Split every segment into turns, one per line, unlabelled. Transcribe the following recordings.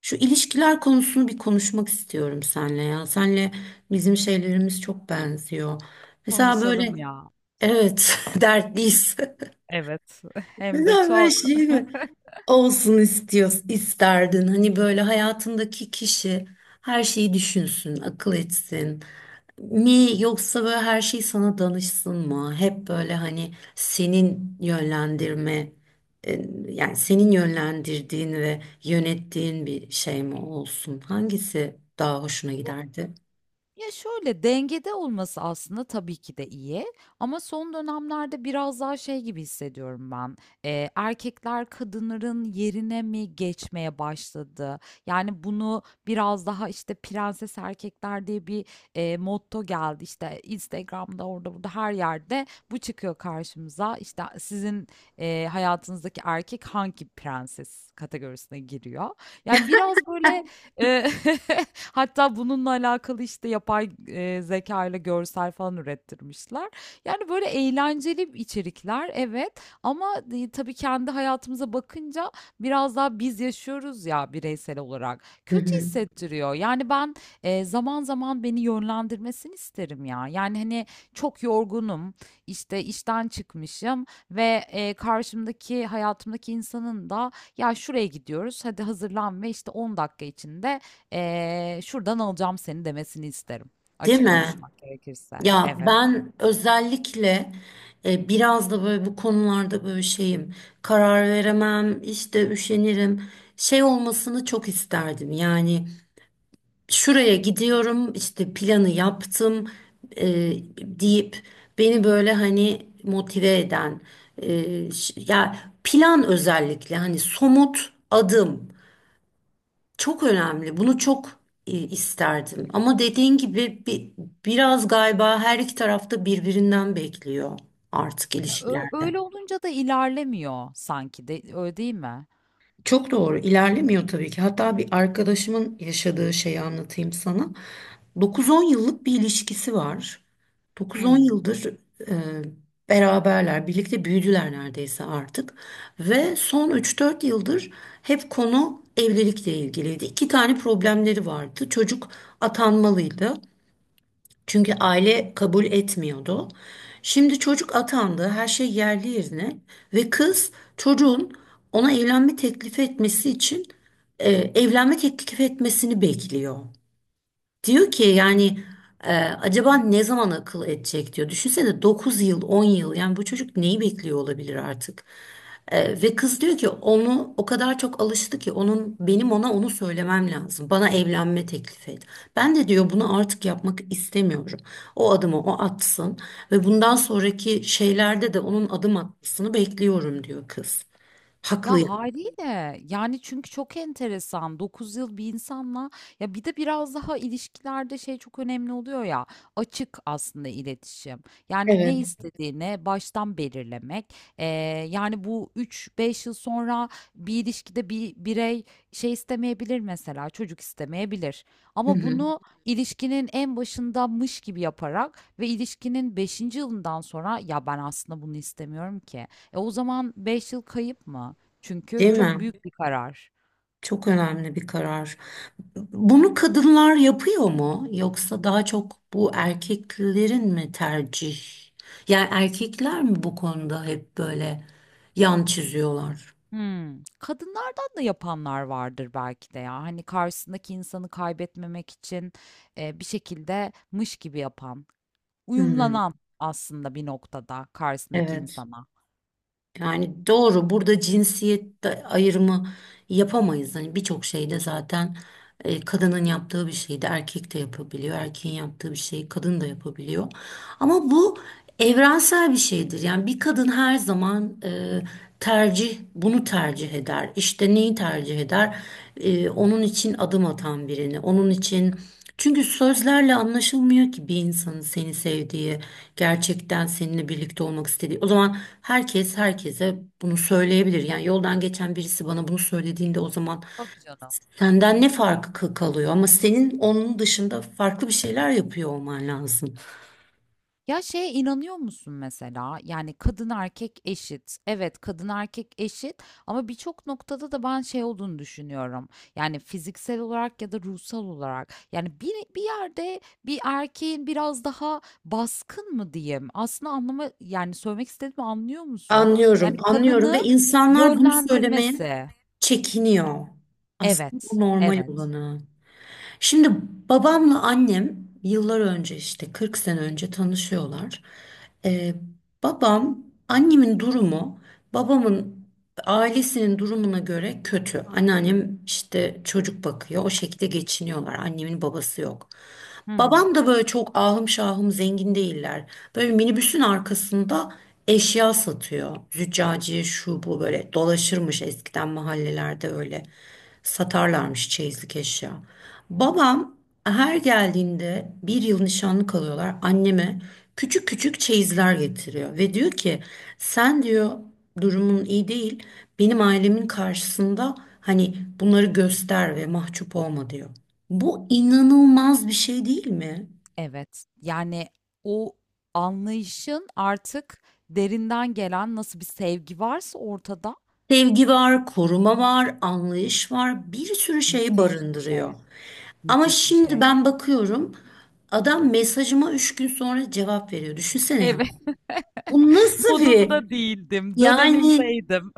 Şu ilişkiler konusunu bir konuşmak istiyorum senle ya. Senle bizim şeylerimiz çok benziyor. Mesela böyle
Konuşalım ya.
evet dertliyiz.
Evet, hem de
Mesela böyle
çok.
şey mi? Olsun istiyorsun, isterdin. Hani böyle hayatındaki kişi her şeyi düşünsün, akıl etsin. Mi yoksa böyle her şey sana danışsın mı? Hep böyle hani senin yönlendirme, e, yani senin yönlendirdiğin ve yönettiğin bir şey mi olsun? Hangisi daha hoşuna giderdi?
Ya şöyle dengede olması aslında tabii ki de iyi ama son dönemlerde biraz daha şey gibi hissediyorum ben. Erkekler kadınların yerine mi geçmeye başladı? Yani bunu biraz daha işte prenses erkekler diye bir motto geldi. İşte Instagram'da orada burada her yerde bu çıkıyor karşımıza. İşte sizin hayatınızdaki erkek hangi prenses kategorisine giriyor? Yani biraz böyle. Eee, hatta bununla alakalı, işte, yapay, zeka ile görsel falan ürettirmişler. Yani, böyle eğlenceli içerikler, evet, ama tabii kendi hayatımıza bakınca biraz daha biz yaşıyoruz ya bireysel olarak.
Hı
Kötü
hı.
hissettiriyor. Yani, ben, zaman zaman beni yönlendirmesini isterim ya. Yani, hani, çok yorgunum, işte, işten çıkmışım ve, karşımdaki hayatımdaki insanın da ya şuraya gidiyoruz. Hadi hazırlan ve işte 10 dakika içinde şuradan alacağım seni demesini isterim.
Değil
Açık
mi?
konuşmak gerekirse.
Ya
Evet.
ben özellikle biraz da böyle bu konularda böyle şeyim. Karar veremem, işte üşenirim. Şey olmasını çok isterdim. Yani şuraya gidiyorum, işte planı yaptım e, deyip beni böyle hani motive eden ya plan özellikle hani somut adım. Çok önemli. Bunu çok isterdim. Ama dediğin gibi biraz galiba her iki tarafta birbirinden bekliyor artık
Ya
ilişkilerde.
öyle olunca da ilerlemiyor sanki de öyle değil mi?
Çok doğru ilerlemiyor tabii ki. Hatta bir arkadaşımın yaşadığı şeyi anlatayım sana. 9-10 yıllık bir ilişkisi var.
Hı
9-10
hı.
yıldır e, beraberler, birlikte büyüdüler neredeyse artık. Ve son 3-4 yıldır hep konu evlilikle ilgiliydi. İki tane problemleri vardı. Çocuk atanmalıydı. Çünkü aile kabul etmiyordu. Şimdi çocuk atandı, her şey yerli yerine ve kız çocuğun ona evlenme teklif etmesi için evlenme teklif etmesini bekliyor. Diyor ki yani acaba ne zaman akıl edecek diyor. Düşünsene 9 yıl 10 yıl yani bu çocuk neyi bekliyor olabilir artık. Ve kız diyor ki onu o kadar çok alıştı ki onun benim ona onu söylemem lazım. Bana evlenme teklif et. Ben de diyor bunu artık yapmak istemiyorum. O adımı o atsın ve bundan sonraki şeylerde de onun adım atmasını bekliyorum diyor kız. Haklı
Ya
yani.
haliyle, yani çünkü çok enteresan, 9 yıl bir insanla, ya bir de biraz daha ilişkilerde şey çok önemli oluyor ya, açık aslında iletişim, yani ne
Evet.
istediğini baştan belirlemek. Yani bu üç beş yıl sonra bir ilişkide bir birey şey istemeyebilir, mesela çocuk istemeyebilir,
Hı
ama
hı.
bunu ilişkinin en başındamış gibi yaparak ve ilişkinin beşinci yılından sonra ya ben aslında bunu istemiyorum ki. E o zaman 5 yıl kayıp mı? Çünkü
Değil
çok
mi?
büyük bir karar.
Çok önemli bir karar. Bunu kadınlar yapıyor mu? Yoksa daha çok bu erkeklerin mi tercih? Yani erkekler mi bu konuda hep böyle yan çiziyorlar?
Hımm. Kadınlardan da yapanlar vardır belki de ya. Hani, karşısındaki insanı kaybetmemek için, bir şekilde mış gibi yapan,
Hmm,
uyumlanan aslında bir noktada karşısındaki
evet.
insana.
Yani doğru. Burada ayrımı yapamayız. Hani birçok şeyde zaten kadının yaptığı bir şeyi de erkek de yapabiliyor. Erkeğin yaptığı bir şeyi kadın da yapabiliyor. Ama bu evrensel bir şeydir. Yani bir kadın her zaman bunu tercih eder. İşte neyi tercih eder? Onun için adım atan birini, onun için... Çünkü sözlerle anlaşılmıyor ki bir insanın seni sevdiği, gerçekten seninle birlikte olmak istediği. O zaman herkes herkese bunu söyleyebilir. Yani yoldan geçen birisi bana bunu söylediğinde o zaman
Tabii canım.
senden ne farkı kalıyor? Ama senin onun dışında farklı bir şeyler yapıyor olman lazım.
Ya şeye inanıyor musun mesela? Yani kadın erkek eşit. Evet, kadın erkek eşit ama birçok noktada da ben şey olduğunu düşünüyorum. Yani fiziksel olarak ya da ruhsal olarak. Yani bir yerde bir erkeğin biraz daha baskın mı diyeyim? Aslında anlama, yani söylemek istediğimi anlıyor musun?
Anlıyorum,
Yani
anlıyorum ve
kadını
insanlar bunu söylemeye
yönlendirmesi.
çekiniyor. Aslında
Evet,
bu normal
evet.
olanı. Şimdi babamla annem yıllar önce işte 40 sene önce tanışıyorlar. Ee, Babam annemin durumu babamın ailesinin durumuna göre kötü. Anneannem işte çocuk bakıyor. O şekilde geçiniyorlar. Annemin babası yok.
Hı hı.
Babam da böyle çok ahım şahım zengin değiller. Böyle minibüsün arkasında eşya satıyor. Züccaciye şu bu böyle dolaşırmış eskiden mahallelerde öyle. Satarlarmış çeyizlik eşya. Babam her geldiğinde bir yıl nişanlı kalıyorlar. Anneme küçük küçük çeyizler getiriyor. Ve diyor ki sen diyor durumun iyi değil. Benim ailemin karşısında hani bunları göster ve mahcup olma diyor. Bu inanılmaz bir şey değil mi?
Evet. Yani o anlayışın artık derinden gelen nasıl bir sevgi varsa ortada.
Sevgi var, koruma var, anlayış var, bir sürü şeyi
Müthiş bir şey.
barındırıyor. Ama
Müthiş bir
şimdi
şey.
ben bakıyorum, adam mesajıma üç gün sonra cevap veriyor. Düşünsene ya.
Evet.
Bu nasıl bir
Modumda değildim,
yani,
dönemimdeydim.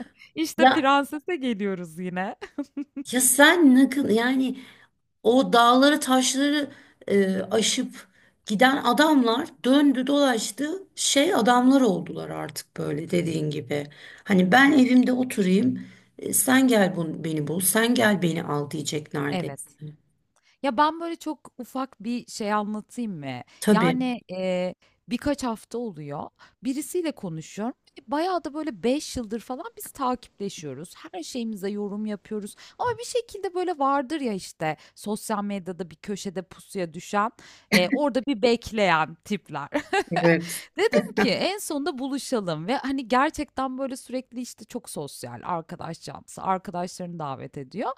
İşte
ya,
prensese geliyoruz yine.
ya sen ne kı- yani O dağları taşları aşıp giden adamlar döndü dolaştı şey adamlar oldular artık böyle dediğin gibi. Hani ben evimde oturayım, beni bul sen gel beni al diyecek
Evet.
neredeyse.
Ya, ben, böyle, çok ufak bir şey anlatayım mı?
Tabii.
Yani, birkaç hafta oluyor. Birisiyle konuşuyorum. Bayağı da, böyle, 5 yıldır falan biz takipleşiyoruz. Her şeyimize yorum yapıyoruz ama bir şekilde, böyle, vardır ya, işte, sosyal medyada bir köşede pusuya düşen, orada bir bekleyen tipler.
Evet.
Dedim ki en sonunda buluşalım, ve hani gerçekten böyle sürekli işte çok sosyal arkadaş canlısı, arkadaşlarını davet ediyor.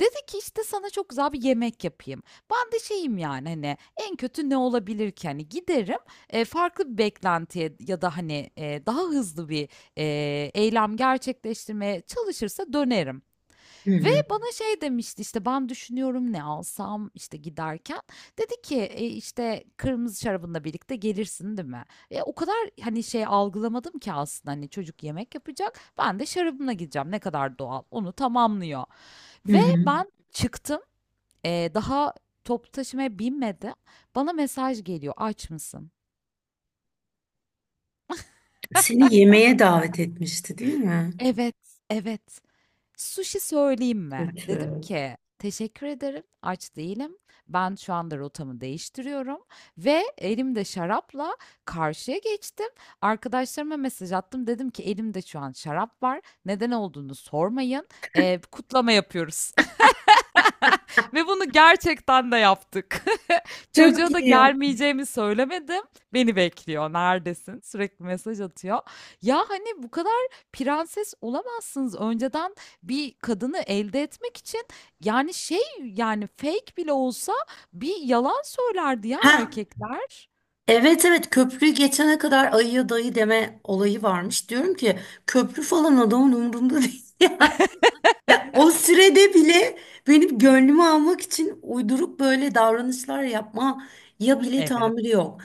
Dedi ki işte sana çok güzel bir yemek yapayım. Ben de şeyim yani, hani en kötü ne olabilir ki, hani giderim, farklı bir beklentiye ya da hani daha hızlı bir e, eylem gerçekleştirmeye çalışırsa dönerim.
Hı
Ve
hı.
bana şey demişti işte, ben düşünüyorum ne alsam işte giderken. Dedi ki, "E, işte kırmızı şarabınla birlikte gelirsin değil mi? O kadar hani şey algılamadım ki aslında, hani çocuk yemek yapacak. Ben de şarabımla gideceğim, ne kadar doğal onu tamamlıyor."
Hı
Ve
hı.
ben çıktım, daha toplu taşımaya binmedi. Bana mesaj geliyor, aç mısın?
Seni yemeğe davet etmişti değil mi?
Evet, evet. "Sushi söyleyeyim mi?" Dedim
Kötü.
ki, "Teşekkür ederim, aç değilim. Ben şu anda rotamı değiştiriyorum." Ve elimde şarapla karşıya geçtim. Arkadaşlarıma mesaj attım. Dedim ki, "Elimde şu an şarap var. Neden olduğunu sormayın. Kutlama yapıyoruz." Ve bunu gerçekten de yaptık.
Çok
Çocuğa da
iyi ya.
gelmeyeceğimi söylemedim. Beni bekliyor. Neredesin? Sürekli mesaj atıyor. Ya hani bu kadar prenses olamazsınız. Önceden bir kadını elde etmek için, yani şey, yani fake bile olsa bir yalan söylerdi ya
Ha
erkekler.
evet evet, köprüyü geçene kadar ayıya dayı deme olayı varmış. Diyorum ki köprü falan adamın umurunda değil. Ya o sürede bile benim gönlümü almak için uyduruk böyle davranışlar yapma ya bile tahammülü
Evet.
yok.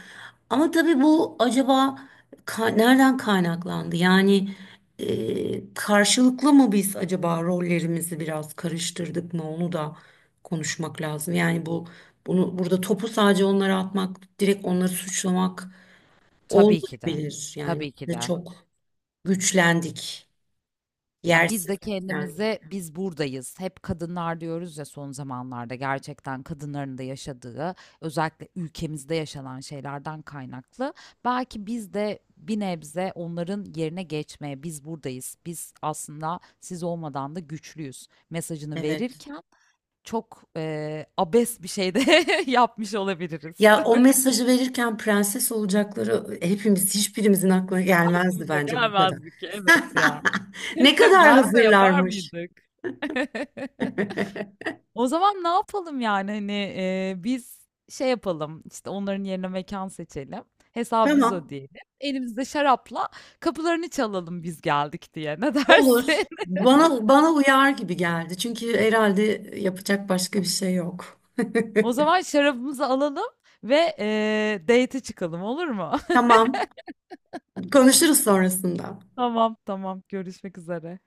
Ama tabii bu acaba nereden kaynaklandı? Yani karşılıklı mı biz acaba rollerimizi biraz karıştırdık mı? Onu da konuşmak lazım. Yani bunu burada topu sadece onlara atmak, direkt onları suçlamak
Tabii ki de.
olmayabilir. Yani
Tabii ki
biz de
de.
çok güçlendik,
Ya biz
yersiz
de
güçlendik.
kendimize, biz buradayız. Hep kadınlar diyoruz ya son zamanlarda, gerçekten kadınların da yaşadığı özellikle ülkemizde yaşanan şeylerden kaynaklı. Belki biz de bir nebze onların yerine geçmeye, biz buradayız, biz aslında siz olmadan da güçlüyüz mesajını
Evet.
verirken çok abes bir şey de yapmış olabiliriz.
Ya o mesajı verirken prenses olacakları hepimiz hiçbirimizin aklına gelmezdi
Aklımıza
bence bu kadar.
gelmezdi ki evet ya.
Ne kadar
Gelse yapar
hazırlarmış.
mıydık? O zaman ne yapalım yani, hani biz şey yapalım, işte onların yerine mekan seçelim. Hesabı biz
Tamam.
ödeyelim. Elimizde şarapla kapılarını çalalım, biz geldik diye. Ne dersin?
Bana uyar gibi geldi. Çünkü herhalde yapacak başka bir şey yok.
O zaman şarabımızı alalım ve date'e çıkalım, olur mu?
Tamam. Konuşuruz sonrasında.
Tamam, tamam, görüşmek üzere.